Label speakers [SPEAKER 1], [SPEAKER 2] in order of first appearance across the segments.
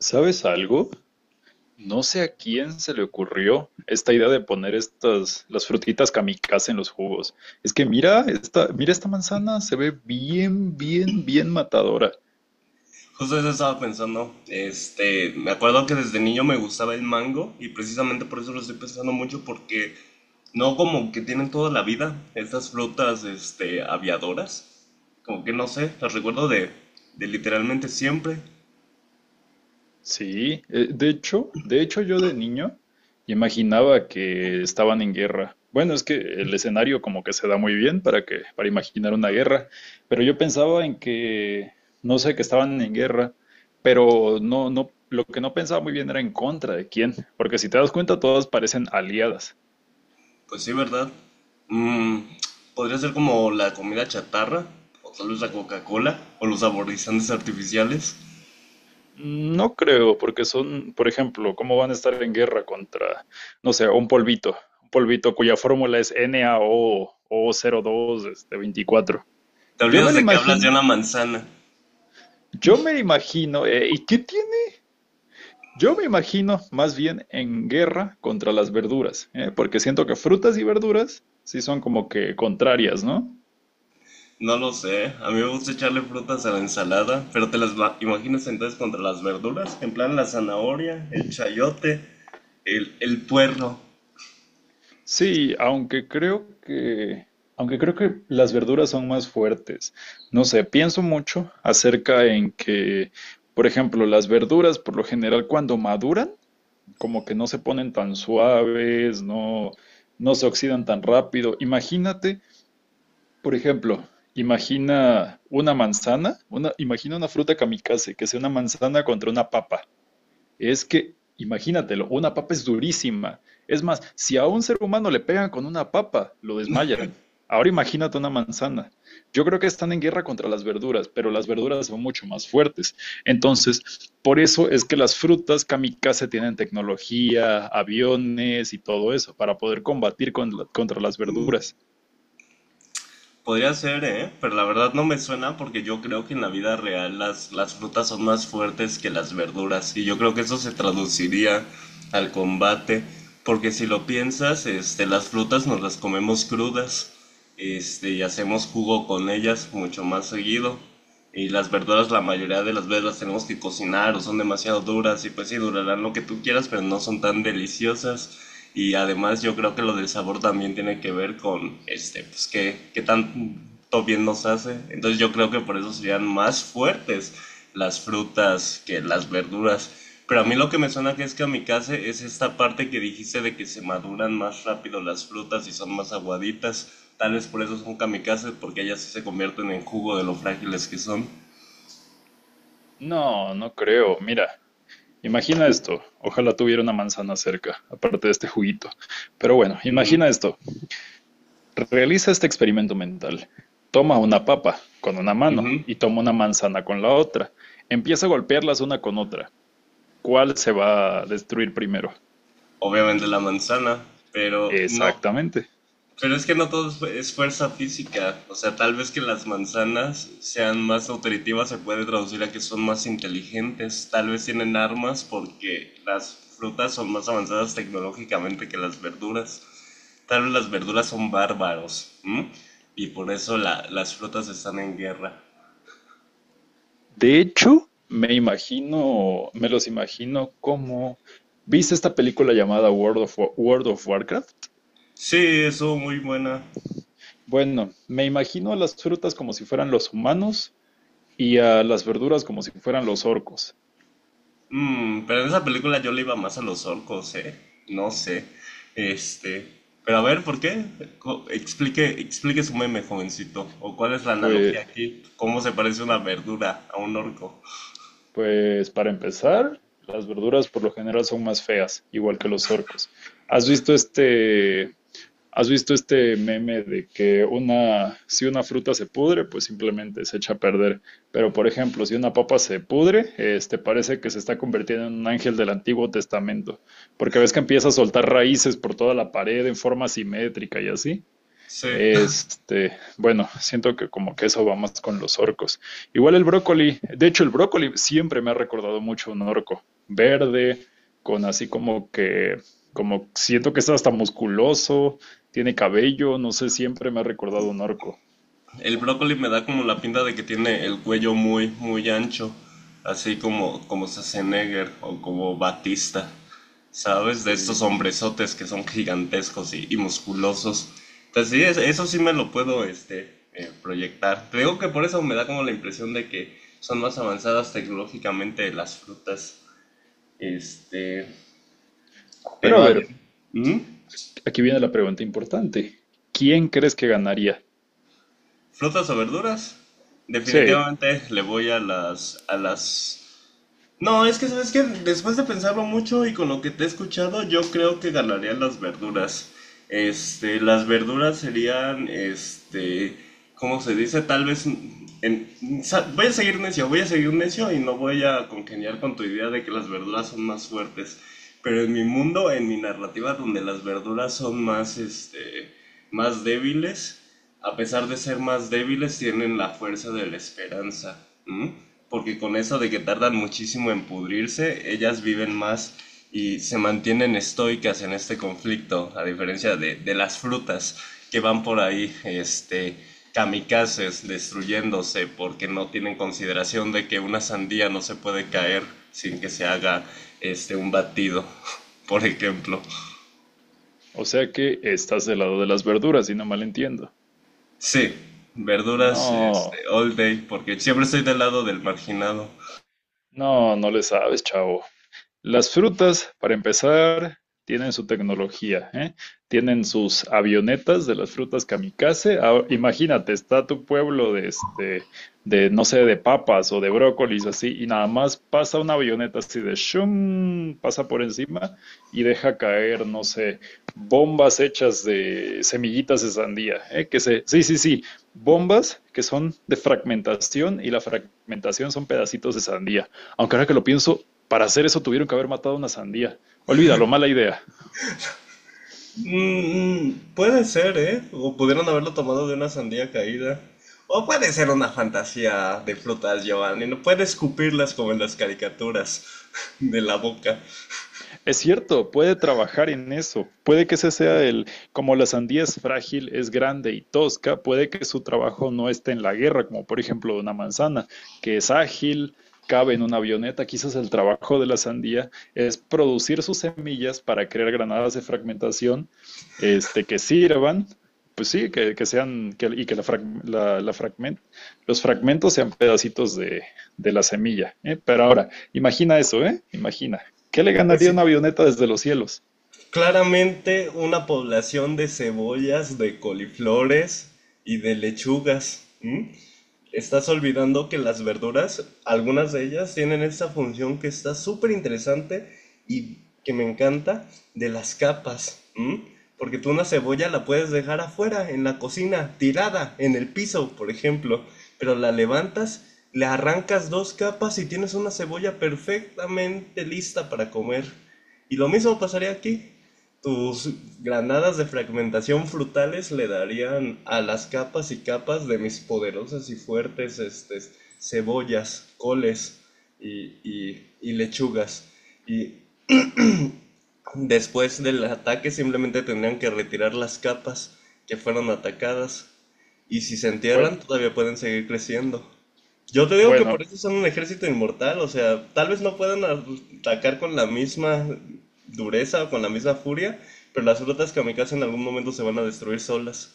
[SPEAKER 1] ¿Sabes algo? No sé a quién se le ocurrió esta idea de poner estas, las frutitas kamikaze en los jugos. Es que mira esta manzana, se ve bien, bien, bien matadora.
[SPEAKER 2] Justo eso estaba pensando. Me acuerdo que desde niño me gustaba el mango y precisamente por eso lo estoy pensando mucho porque no, como que tienen toda la vida estas frutas, aviadoras. Como que no sé, las recuerdo de literalmente siempre.
[SPEAKER 1] Sí, de hecho yo de niño imaginaba que estaban en guerra. Bueno, es que el escenario como que se da muy bien para que para imaginar una guerra, pero yo pensaba en que no sé que estaban en guerra, pero lo que no pensaba muy bien era en contra de quién, porque si te das cuenta todas parecen aliadas.
[SPEAKER 2] Pues sí, ¿verdad? Mm, podría ser como la comida chatarra o tal vez la Coca-Cola o los saborizantes artificiales.
[SPEAKER 1] No creo, porque son, por ejemplo, ¿cómo van a estar en guerra contra, no sé, un polvito? Un polvito cuya fórmula es NaO o 02 este, 24.
[SPEAKER 2] Te
[SPEAKER 1] Yo
[SPEAKER 2] olvidas
[SPEAKER 1] me lo
[SPEAKER 2] de que hablas de
[SPEAKER 1] imagino,
[SPEAKER 2] una manzana.
[SPEAKER 1] yo me lo imagino, ¿y qué tiene? Yo me imagino más bien en guerra contra las verduras, porque siento que frutas y verduras sí son como que contrarias, ¿no?
[SPEAKER 2] No lo sé, a mí me gusta echarle frutas a la ensalada, pero te las imaginas entonces contra las verduras, en plan la zanahoria, el chayote, el puerro.
[SPEAKER 1] Sí, aunque creo que las verduras son más fuertes. No sé, pienso mucho acerca en que, por ejemplo, las verduras por lo general cuando maduran, como que no se ponen tan suaves, no, no se oxidan tan rápido. Imagínate. Por ejemplo, imagina una manzana, una, imagina una fruta kamikaze, que sea una manzana contra una papa. Es que, imagínatelo, una papa es durísima. Es más, si a un ser humano le pegan con una papa, lo desmayan. Ahora imagínate una manzana. Yo creo que están en guerra contra las verduras, pero las verduras son mucho más fuertes. Entonces, por eso es que las frutas kamikaze tienen tecnología, aviones y todo eso para poder combatir contra las verduras.
[SPEAKER 2] Podría ser, ¿eh? Pero la verdad no me suena porque yo creo que en la vida real las frutas son más fuertes que las verduras y yo creo que eso se traduciría al combate, porque si lo piensas, las frutas nos las comemos crudas, y hacemos jugo con ellas mucho más seguido, y las verduras la mayoría de las veces las tenemos que cocinar o son demasiado duras y pues sí durarán lo que tú quieras pero no son tan deliciosas. Y además yo creo que lo del sabor también tiene que ver con, pues qué tanto bien nos hace. Entonces yo creo que por eso serían más fuertes las frutas que las verduras. Pero a mí lo que me suena que es que kamikaze es esta parte que dijiste de que se maduran más rápido las frutas y son más aguaditas. Tal vez por eso son kamikazes, porque ellas sí se convierten en jugo de lo frágiles que son.
[SPEAKER 1] No, no creo. Mira, imagina esto, ojalá tuviera una manzana cerca, aparte de este juguito. Pero bueno,
[SPEAKER 2] Ujú,
[SPEAKER 1] imagina esto, realiza este experimento mental. Toma una papa con una mano
[SPEAKER 2] ujú.
[SPEAKER 1] y toma una manzana con la otra. Empieza a golpearlas una con otra. ¿Cuál se va a destruir primero?
[SPEAKER 2] Obviamente la manzana, pero no.
[SPEAKER 1] Exactamente.
[SPEAKER 2] Pero es que no todo es es fuerza física. O sea, tal vez que las manzanas sean más nutritivas se puede traducir a que son más inteligentes. Tal vez tienen armas porque las frutas son más avanzadas tecnológicamente que las verduras. Tal vez las verduras son bárbaros. ¿M? Y por eso las frutas están en guerra.
[SPEAKER 1] De hecho, me imagino, me los imagino como... ¿Viste esta película llamada World of Warcraft?
[SPEAKER 2] Sí, eso muy buena.
[SPEAKER 1] Bueno, me imagino a las frutas como si fueran los humanos y a las verduras como si fueran los orcos.
[SPEAKER 2] Mm, pero en esa película yo le iba más a los orcos, ¿eh? No sé. Este. Pero a ver, ¿por qué? Explique, explique su meme, jovencito. ¿O cuál es la
[SPEAKER 1] Pues,
[SPEAKER 2] analogía aquí? ¿Cómo se parece una verdura a un orco?
[SPEAKER 1] pues para empezar, las verduras por lo general son más feas, igual que los orcos. ¿Has visto has visto este meme de que una, si una fruta se pudre, pues simplemente se echa a perder? Pero por ejemplo, si una papa se pudre, este parece que se está convirtiendo en un ángel del Antiguo Testamento, porque ves que empieza a soltar raíces por toda la pared en forma simétrica y así.
[SPEAKER 2] Sí.
[SPEAKER 1] Este, bueno, siento que como que eso va más con los orcos. Igual el brócoli, de hecho el brócoli siempre me ha recordado mucho un orco, verde, con así como que, como siento que está hasta musculoso, tiene cabello, no sé, siempre me ha recordado un orco.
[SPEAKER 2] El brócoli me da como la pinta de que tiene el cuello muy, muy ancho, así como, como Schwarzenegger o como Batista, ¿sabes? De estos
[SPEAKER 1] Sí.
[SPEAKER 2] hombrezotes que son gigantescos y musculosos. Entonces sí, eso sí me lo puedo, proyectar. Te digo que por eso me da como la impresión de que son más avanzadas tecnológicamente las frutas. Este,
[SPEAKER 1] Pero
[SPEAKER 2] pero
[SPEAKER 1] a ver,
[SPEAKER 2] ¿Mm?
[SPEAKER 1] aquí viene la pregunta importante. ¿Quién crees que ganaría?
[SPEAKER 2] ¿Frutas o verduras?
[SPEAKER 1] Sí,
[SPEAKER 2] Definitivamente le voy a las... No, es que sabes que después de pensarlo mucho y con lo que te he escuchado, yo creo que ganaría las verduras. Las verduras serían, ¿cómo se dice? Tal vez, en- voy a seguir necio, voy a seguir necio y no voy a congeniar con tu idea de que las verduras son más fuertes. Pero en mi mundo, en mi narrativa, donde las verduras son más, más débiles, a pesar de ser más débiles, tienen la fuerza de la esperanza. ¿M? Porque con eso de que tardan muchísimo en pudrirse, ellas viven más y se mantienen estoicas en este conflicto, a diferencia de las frutas que van por ahí, kamikazes, destruyéndose porque no tienen consideración de que una sandía no se puede caer sin que se haga, un batido, por ejemplo.
[SPEAKER 1] o sea que estás del lado de las verduras, si no mal entiendo.
[SPEAKER 2] Sí, verduras,
[SPEAKER 1] No,
[SPEAKER 2] all day, porque siempre estoy del lado del marginado.
[SPEAKER 1] no, no le sabes, chavo. Las frutas, para empezar, tienen su tecnología, ¿eh? Tienen sus avionetas de las frutas kamikaze. Ah, imagínate, está tu pueblo de este, de no sé, de papas o de brócolis así, y nada más pasa una avioneta así de shum, pasa por encima y deja caer, no sé, bombas hechas de semillitas de sandía, ¿eh? Que se, sí, sí, sí, bombas que son de fragmentación y la fragmentación son pedacitos de sandía. Aunque ahora que lo pienso, para hacer eso tuvieron que haber matado una sandía. Olvídalo, mala idea.
[SPEAKER 2] Mm, puede ser, ¿eh? O pudieron haberlo tomado de una sandía caída. O puede ser una fantasía de frutas, Giovanni. No puede escupirlas como en las caricaturas de la boca.
[SPEAKER 1] Es cierto, puede trabajar en eso. Puede que ese sea el, como la sandía es frágil, es grande y tosca, puede que su trabajo no esté en la guerra, como por ejemplo una manzana, que es ágil, cabe en una avioneta. Quizás el trabajo de la sandía es producir sus semillas para crear granadas de fragmentación, que sirvan pues sí, y que la frag, la fragment, los fragmentos sean pedacitos de la semilla. ¿Eh? Pero ahora, imagina eso, ¿eh? Imagina. ¿Qué le
[SPEAKER 2] Pues
[SPEAKER 1] ganaría una
[SPEAKER 2] sí,
[SPEAKER 1] avioneta desde los cielos?
[SPEAKER 2] claramente una población de cebollas, de coliflores y de lechugas. ¿Mm? Estás olvidando que las verduras, algunas de ellas, tienen esta función que está súper interesante y que me encanta, de las capas, ¿m? Porque tú una cebolla la puedes dejar afuera, en la cocina, tirada, en el piso, por ejemplo, pero la levantas, le arrancas dos capas y tienes una cebolla perfectamente lista para comer. Y lo mismo pasaría aquí. Tus granadas de fragmentación frutales le darían a las capas y capas de mis poderosas y fuertes, cebollas, coles y lechugas. Y después del ataque simplemente tendrían que retirar las capas que fueron atacadas. Y si se
[SPEAKER 1] Bueno,
[SPEAKER 2] entierran, todavía pueden seguir creciendo. Yo te digo que por
[SPEAKER 1] bueno,
[SPEAKER 2] eso son un ejército inmortal. O sea, tal vez no puedan atacar con la misma dureza o con la misma furia, pero las frutas kamikaze en algún momento se van a destruir solas.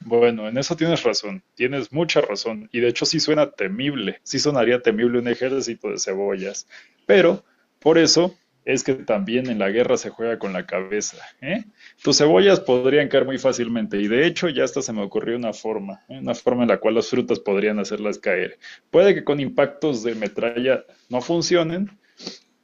[SPEAKER 1] bueno, en eso tienes razón, tienes mucha razón, y de hecho sí suena temible, sí sonaría temible un ejército de cebollas, pero por eso es que también en la guerra se juega con la cabeza, ¿eh? Tus cebollas podrían caer muy fácilmente, y de hecho ya hasta se me ocurrió una forma, ¿eh? Una forma en la cual las frutas podrían hacerlas caer. Puede que con impactos de metralla no funcionen,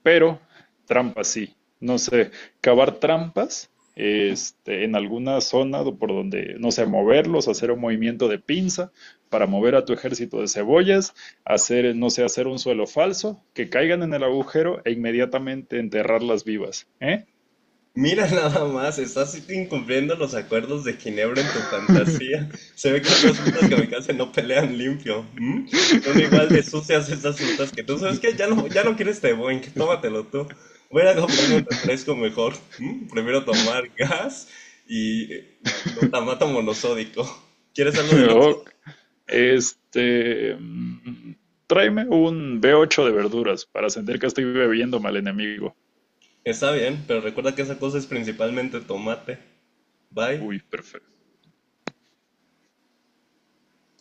[SPEAKER 1] pero trampas sí, no sé, cavar trampas en alguna zona por donde, no sé, moverlos, hacer un movimiento de pinza para mover a tu ejército de cebollas, hacer, no sé, hacer un suelo falso, que caigan en el agujero e inmediatamente enterrarlas vivas, ¿eh?
[SPEAKER 2] Mira nada más, estás incumpliendo los acuerdos de Ginebra en tu fantasía. Se ve que esas frutas kamikaze no pelean limpio. ¿M? Son igual de sucias esas frutas que tú. ¿Sabes que ya no, ya no quieres té Boeing? Tómatelo tú. Voy a ir a comprarme un refresco mejor. ¿M? Prefiero tomar gas y glutamato monosódico. ¿Quieres algo del otro?
[SPEAKER 1] Ok. Este, mm, tráeme un B8 de verduras para sentir que estoy bebiéndome al enemigo.
[SPEAKER 2] Está bien, pero recuerda que esa cosa es principalmente tomate. Bye.
[SPEAKER 1] Uy, perfecto.